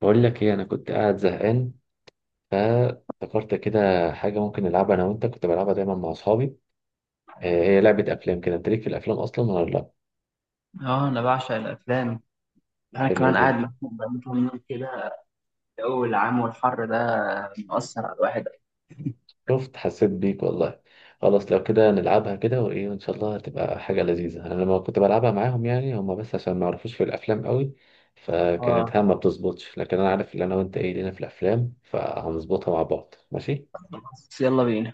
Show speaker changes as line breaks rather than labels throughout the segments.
بقول لك ايه؟ انا كنت قاعد زهقان، فافتكرت كده حاجه ممكن نلعبها انا وانت، كنت بلعبها دايما مع اصحابي. هي لعبه افلام، كده انت ليك في الافلام اصلا ولا لا؟
اه، انا بعشق الافلام. انا
حلو
كمان قاعد
جدا.
مخنوق بقالي كام يوم كده. الجو العام والحر ده مأثر على الواحد.
شفت؟ حسيت بيك والله. خلاص لو كده نلعبها كده، وايه وان شاء الله هتبقى حاجه لذيذه. انا لما كنت بلعبها معاهم يعني هم بس عشان ما يعرفوش في الافلام قوي،
اه،
فكانت ها ما بتظبطش، لكن انا عارف ان انا وانت ايه لينا في الافلام، فهنظبطها مع بعض، ماشي؟
بس يلا بينا.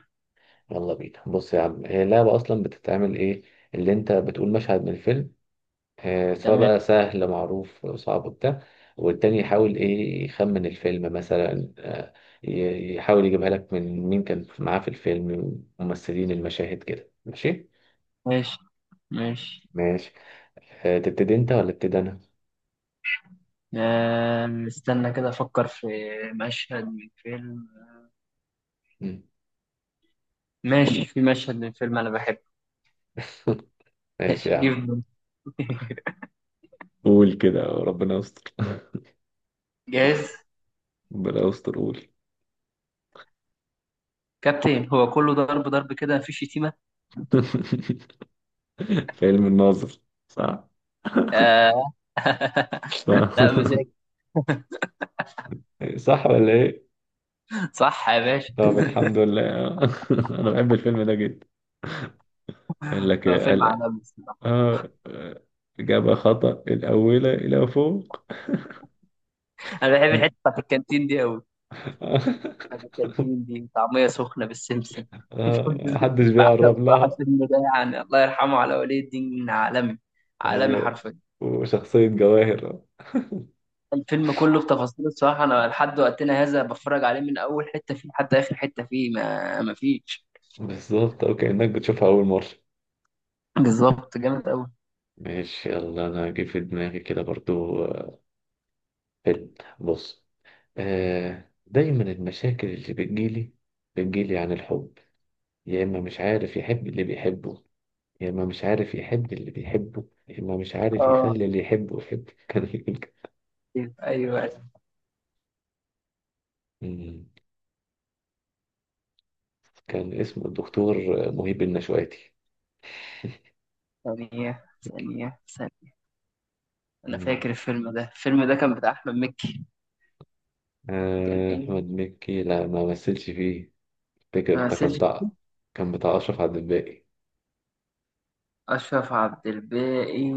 يلا بينا. بص يا عم، هي اللعبه اصلا بتتعمل ايه؟ اللي انت بتقول مشهد من الفيلم، سواء
تمام.
بقى سهل معروف صعب وبتاع. والتاني يحاول ايه، يخمن الفيلم مثلا. يحاول يجيبها لك من مين كان معاه في الفيلم، ممثلين، المشاهد كده. ماشي؟
ماشي ماشي.
ماشي. تبتدي انت ولا ابتدي انا؟
استنى كده افكر في مشهد من فيلم.
مم.
ماشي، في مشهد من فيلم انا بحبه.
ماشي
ماشي
يا عم.
جيب.
قول كده ربنا يستر.
جاهز.
ربنا يستر، قول.
كابتن، هو كله ضرب ضرب كده، مفيش شتيمة.
فيلم الناظر. صح؟
آه. لا مش
صح.
هيك.
صح ولا ايه؟
صح يا باشا.
طب الحمد لله. انا بحب الفيلم ده جدا. قال لك
هو فيلم
آه
عالمي الصراحة.
آه، إجابة خطأ، الأولى إلى فوق.
انا بحب الحتة بتاعت الكانتين دي قوي. أنا الكانتين دي طعمية سخنة بالسمسم.
محدش بيقرب
بعشق صح
لها.
الفيلم ده، يعني الله يرحمه على ولي الدين، عالمي. عالمي
أيوة.
حرفيا.
وشخصية جواهر.
الفيلم كله بتفاصيله الصراحة، أنا لحد وقتنا هذا بتفرج عليه من أول حتة فيه لحد آخر حتة فيه، ما فيش.
بالظبط، أو كأنك بتشوفها أول مرة.
بالظبط، جامد أوي.
ماشي، يلا أنا هجيب في دماغي كده برضو. فيلم. بص. دايما المشاكل اللي بتجيلي عن الحب، يا إما مش عارف يحب اللي بيحبه، يا إما مش عارف يحب اللي بيحبه، يا إما مش عارف
آه،
يخلي اللي يحبه يحبه. كان يقول كده.
أيوه أيوه.
مم. كان اسمه الدكتور مهيب النشواتي.
ثانية ثانية ثانية، أنا
مم.
فاكر الفيلم ده، الفيلم ده كان بتاع أحمد مكي. كان إيه؟
أحمد مكي لا، ما مثلش فيه. فاكر
آه
ده كان
سيرج،
بتاع، كان بتاع أشرف عبد الباقي.
أشرف عبد الباقي.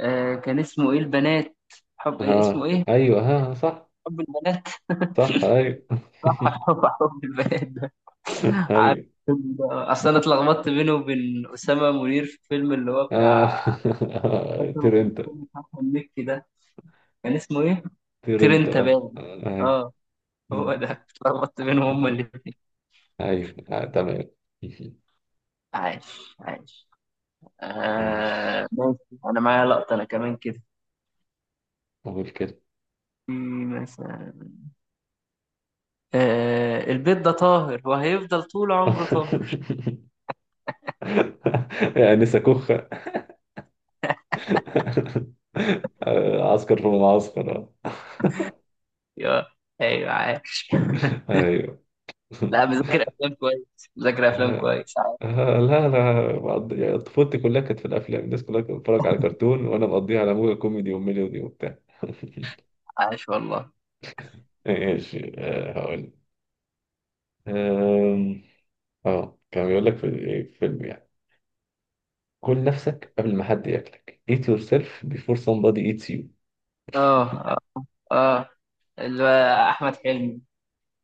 آه كان اسمه إيه؟ البنات، حب إيه، اسمه
اه
إيه؟
أيوه. ها صح.
حب البنات.
صح، أيوه.
صح، حب البنات ده. عارف
أيوه.
اصل انا اتلخبطت بينه وبين اسامه منير في الفيلم اللي هو بتاع.
آه.
فاكره اللي
طير
كان
أنت.
فيلم بتاع أحمد مكي ده كان اسمه ايه؟
طير
طير
أنت،
انت
اه
باين.
أيوه.
اه، هو
مم.
ده، اتلخبطت بينهم هما الاتنين.
أيوه، تمام.
عايش عايش.
ماشي،
آه ماشي. انا معايا لقطه انا كمان كده.
أقول كده.
في، مثلا، آه البيت ده طاهر وهيفضل طول عمره طاهر.
يعني سكوخ. عسكر في المعسكر. آه.
يا، ايوه عايش.
ايوه.
لا، مذاكر افلام كويس، مذاكر افلام
آه،
كويس.
لا انا يعني طفولتي كلها كانت في الافلام، الناس كلها كانت بتتفرج على كرتون، وانا مقضيها على موجة كوميدي وميلودي وبتاع.
عاش والله.
ماشي، هقول. آم، اه كان بيقول لك في ايه في فيلم يعني، كل نفسك قبل ما حد ياكلك. eat yourself before somebody eats you.
اه اه، اللي هو احمد حلمي.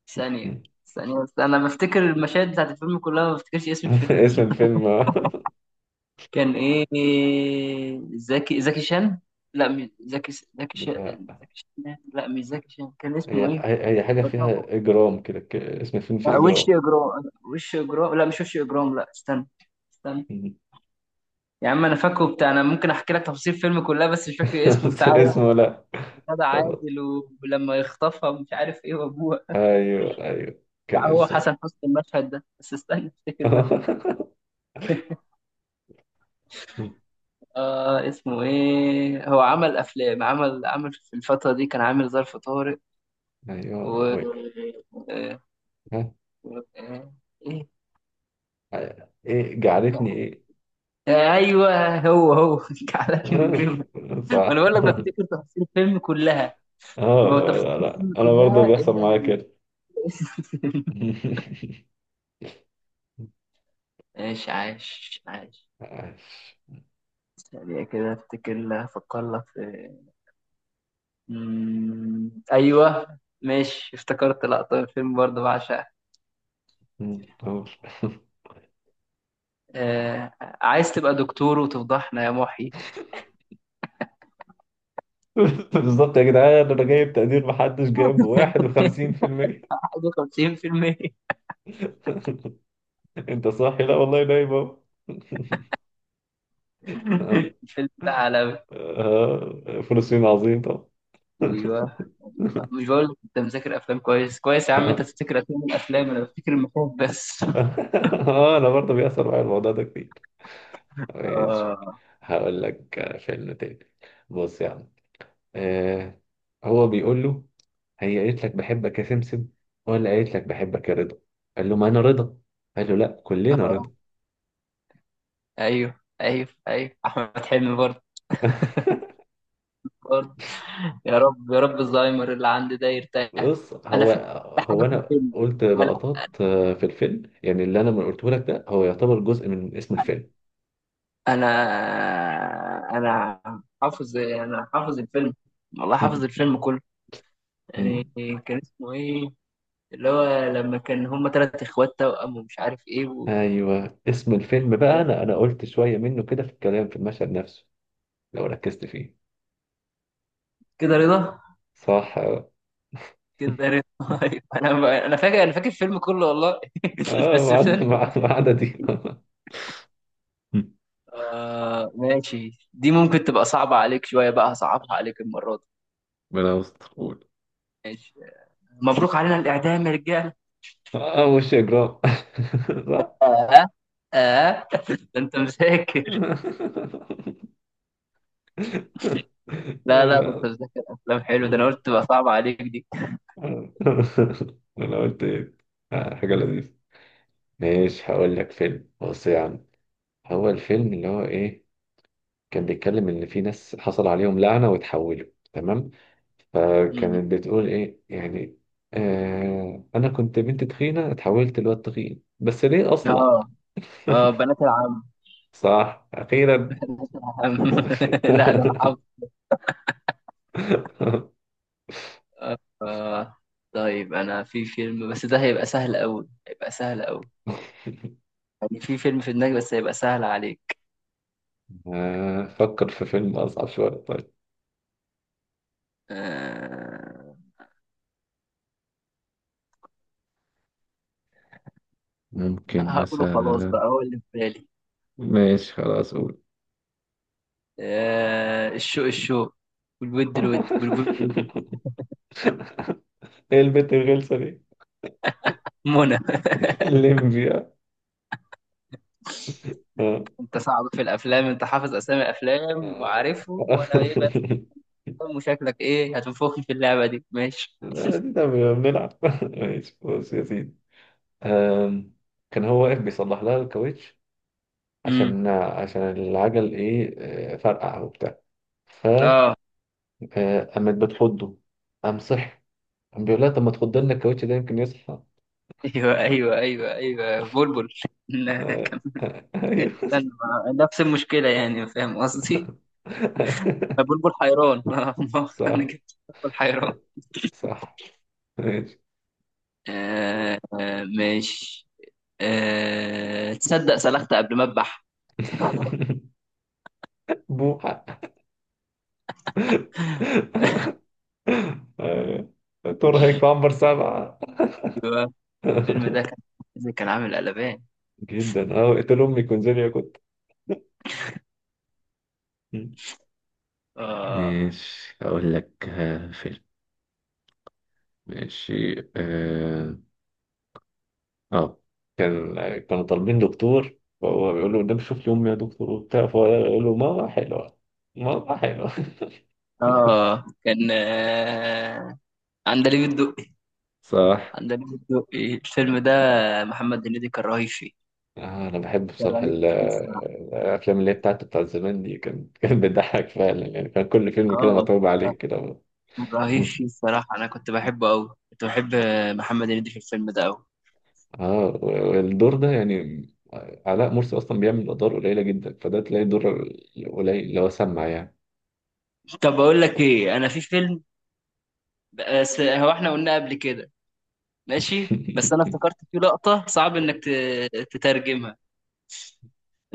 ثانيه،
مم.
ثانيه بس، انا بفتكر المشاهد بتاعت الفيلم كلها، ما بفتكرش اسم الفيلم.
اسم الفيلم.
كان ايه؟ زكي زكي شان، لا مش زكي زكي شان،
آه.
زكي شان، لا مش زكي شان. كان اسمه
هي
ايه؟
هي حاجة
بتلخبط.
فيها إجرام كده، اسم الفيلم فيه
لا وش
إجرام.
اجرام، وش اجرام، لا مش وش اجرام، لا استنى، استنى. يا عم انا فاكره بتاع، انا ممكن احكي لك تفاصيل الفيلم كلها بس مش فاكر اسمه بتاع.
اسمه، لا.
غادة
طب.
عادل، ولما يخطفها مش عارف ايه وابوها.
ايوه ايوه،
لا
كان
هو
اسمه.
حسن حسني المشهد ده، بس استنى افتكر بقى. آه اسمه ايه؟ هو عمل افلام، عمل في الفترة دي، كان عامل ظرف طارق.
ايوه
و
ويك.
آه،
ها.
و- آه، ايه
ايه
كان-
جعلتني ايه.
ايوه هو هو. على جريمة.
آه،
وانا
صح.
بقول لك بفتكر تفاصيل الفيلم كلها.
اه
ما هو تفاصيل
لا،
الفيلم
انا برضه
كلها،
بيحصل
الا
معايا كده.
اسم الفيلم. عاش عاش عاش.
عاش.
ثانية كده افتكر لها، افكر لك في، ايوه. ماشي، افتكرت لقطة من الفيلم برضه بعشقها.
أوه.
آه، عايز تبقى دكتور وتفضحنا يا محي.
بالظبط يا جدعان، انا جايب تقدير محدش جايبه 51%.
51%.
انت صاحي؟ لا والله نايم اهو. آه،
الفيلم ده عالمي.
فلسطين عظيم طبعا.
ايوه. أيوة. مش بقول لك انت مذاكر افلام كويس كويس، يا عم انت تفتكر افلام، الافلام انا بفتكر المخاوف بس.
اه انا برضه بيأثر معايا الموضوع ده كتير. ماشي،
آه.
هقول لك فيلم تاني. بص يا عم. آه هو بيقول له هي قالت لك بحبك يا سمسم ولا قالت لك بحبك يا رضا. قال له ما انا رضا. قال له لا كلنا رضا.
آه. ايوه ايوه ايوه، احمد حلمي برضه، برضه. يا رب يا رب الزهايمر اللي عندي ده يرتاح.
بص،
انا
هو
فاكر حاجه
هو
في
انا
الفيلم.
قلت
انا
لقطات في الفيلم يعني، اللي انا ما قلته لك ده هو يعتبر جزء من اسم الفيلم.
انا أنا حافظ، انا حافظ الفيلم، والله حافظ الفيلم كله. يعني
مم.
كان اسمه ايه اللي هو لما كان هما تلات اخوات توأم ومش عارف ايه و...
ايوه اسم الفيلم بقى، انا قلت شويه منه كده في الكلام في المشهد نفسه، لو ركزت فيه.
كده رضا،
صح اه.
كده رضا. أيوة. انا فاكر، انا فاكر الفيلم كله والله. بس مش
وعدنا
انت.
مع عددي.
آه ماشي، دي ممكن تبقى صعبة عليك شوية بقى، هصعبها عليك المرة دي.
ربنا يستر، قول.
ماشي. مبروك علينا الإعدام يا رجال.
اه وش يا جرام. صح.
آه آه. ده أنت مذاكر. لا ده أنت مذاكر أفلام حلو، ده أنا
لا.
قلت تبقى صعبة عليك دي.
انا قلت ايه؟ حاجه لذيذه. ماشي، هقول لك فيلم. بص يا عم، هو الفيلم اللي هو ايه، كان بيتكلم ان في ناس حصل عليهم لعنه وتحولوا، تمام؟
مم.
فكانت بتقول ايه يعني، انا كنت بنت تخينه اتحولت لواد تخين بس ليه اصلع.
آه، آه، بنات العم.
صح، أخيرا.
بنات العم. لا ده أنا. آه، طيب أنا في فيلم بس ده هيبقى سهل أوي، هيبقى سهل أوي. يعني في فيلم في دماغي بس هيبقى سهل عليك.
فكر في فيلم أصعب شوية طيب،
آه،
ممكن
هقوله خلاص
مثلا.
بقى هو اللي في بالي.
ماشي خلاص قول.
آه، الشوق الشوق، والود الود، والبلبل بالبلبل.
إيه البت الغلسة دي؟
منى.
الليمبيا. آه.
أنت صعب في الأفلام، أنت حافظ أسامي الأفلام
آه.
وعارفهم، وأنا إيه بس؟ وشكلك إيه هتنفخني في اللعبة دي؟ ماشي.
لا دي ده بنلعب. ماشي، بص يا سيدي. آم، كان هو واقف بيصلح لها الكاوتش،
امم،
عشان العجل إيه، فرقع وبتاع،
آه
فقامت بتحضه، قام صحي، الحمد لله، طب ما تخض لنا الكاوتش ده يمكن يصحى.
أيوه أيوه أيوه أيوه بلبل. كانت،
ايوه.
استنى، نفس المشكلة يعني، فاهم قصدي؟ فبلبل حيران. أنا
صح
كده بلبل حيران.
صح. ماشي.
آه آه ماشي. آه، تصدق سلخت قبل ما أذبح.
بوحة. آه، ترهق في عنبر سبعة.
أيوة. الفيلم ده كان عامل قلبان.
جدا اه، اقتل امي كونزيليا كنت.
آه،
ماشي، اقول لك فيلم. ماشي اه. آه. كانوا طالبين دكتور، فهو بيقول له قدام شوف لي امي يا دكتور وبتاع، فهو يقول له ماما حلوه. ماما حلوه.
آه كان آه، عندليب الدقي.
صح.
عندليب الدقي الفيلم ده، محمد هنيدي كان رهيب فيه.
انا بحب
كان
بصراحه
رهيب فيه الصراحة.
الافلام اللي هي بتاعت بتاع زمان دي كان كان بتضحك فعلا يعني، كان كل فيلم كده
آه،
متعوب عليه
لا
كده.
كان رهيب
مم.
فيه الصراحة، أنا كنت بحبه أوي، كنت بحب محمد هنيدي في الفيلم ده أوي.
اه والدور ده يعني علاء مرسي اصلا بيعمل ادوار قليله جدا، فده تلاقي دور قليل اللي هو سمع يعني.
طب بقول لك ايه، انا في فيلم، بس هو احنا قلنا قبل كده. ماشي، بس انا افتكرت فيه لقطة صعب انك تترجمها.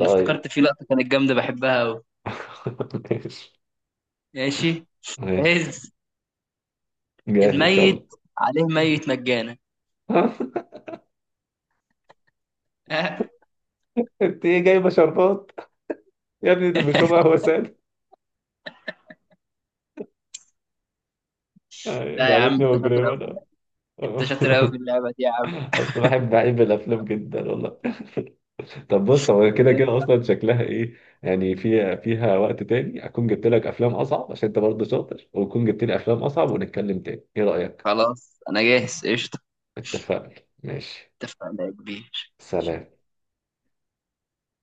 انا افتكرت فيه لقطة كانت جامدة بحبها قوي.
ماشي.
ماشي.
ماشي
هز
جاهز ان شاء
الميت،
الله.
عليه ميت مجانا.
انت ايه جايبه شربات؟ يا ابني ده بيشرب قهوه ساده.
لا يا عم
جعلتني
انت شاطر قوي في
مجرما.
اللعبة، انت شاطر قوي في اللعبة دي يا عم.
انا اصلا بحب الافلام جدا والله. طب بص، هو كده كده اصلا شكلها ايه، يعني فيها وقت تاني اكون جبت لك افلام اصعب عشان انت برضه شاطر، واكون جبت لي افلام اصعب، ونتكلم تاني، ايه رايك؟
خلاص انا جاهز قشطة.
اتفقنا. ماشي.
اتفقنا يا كبير.
سلام.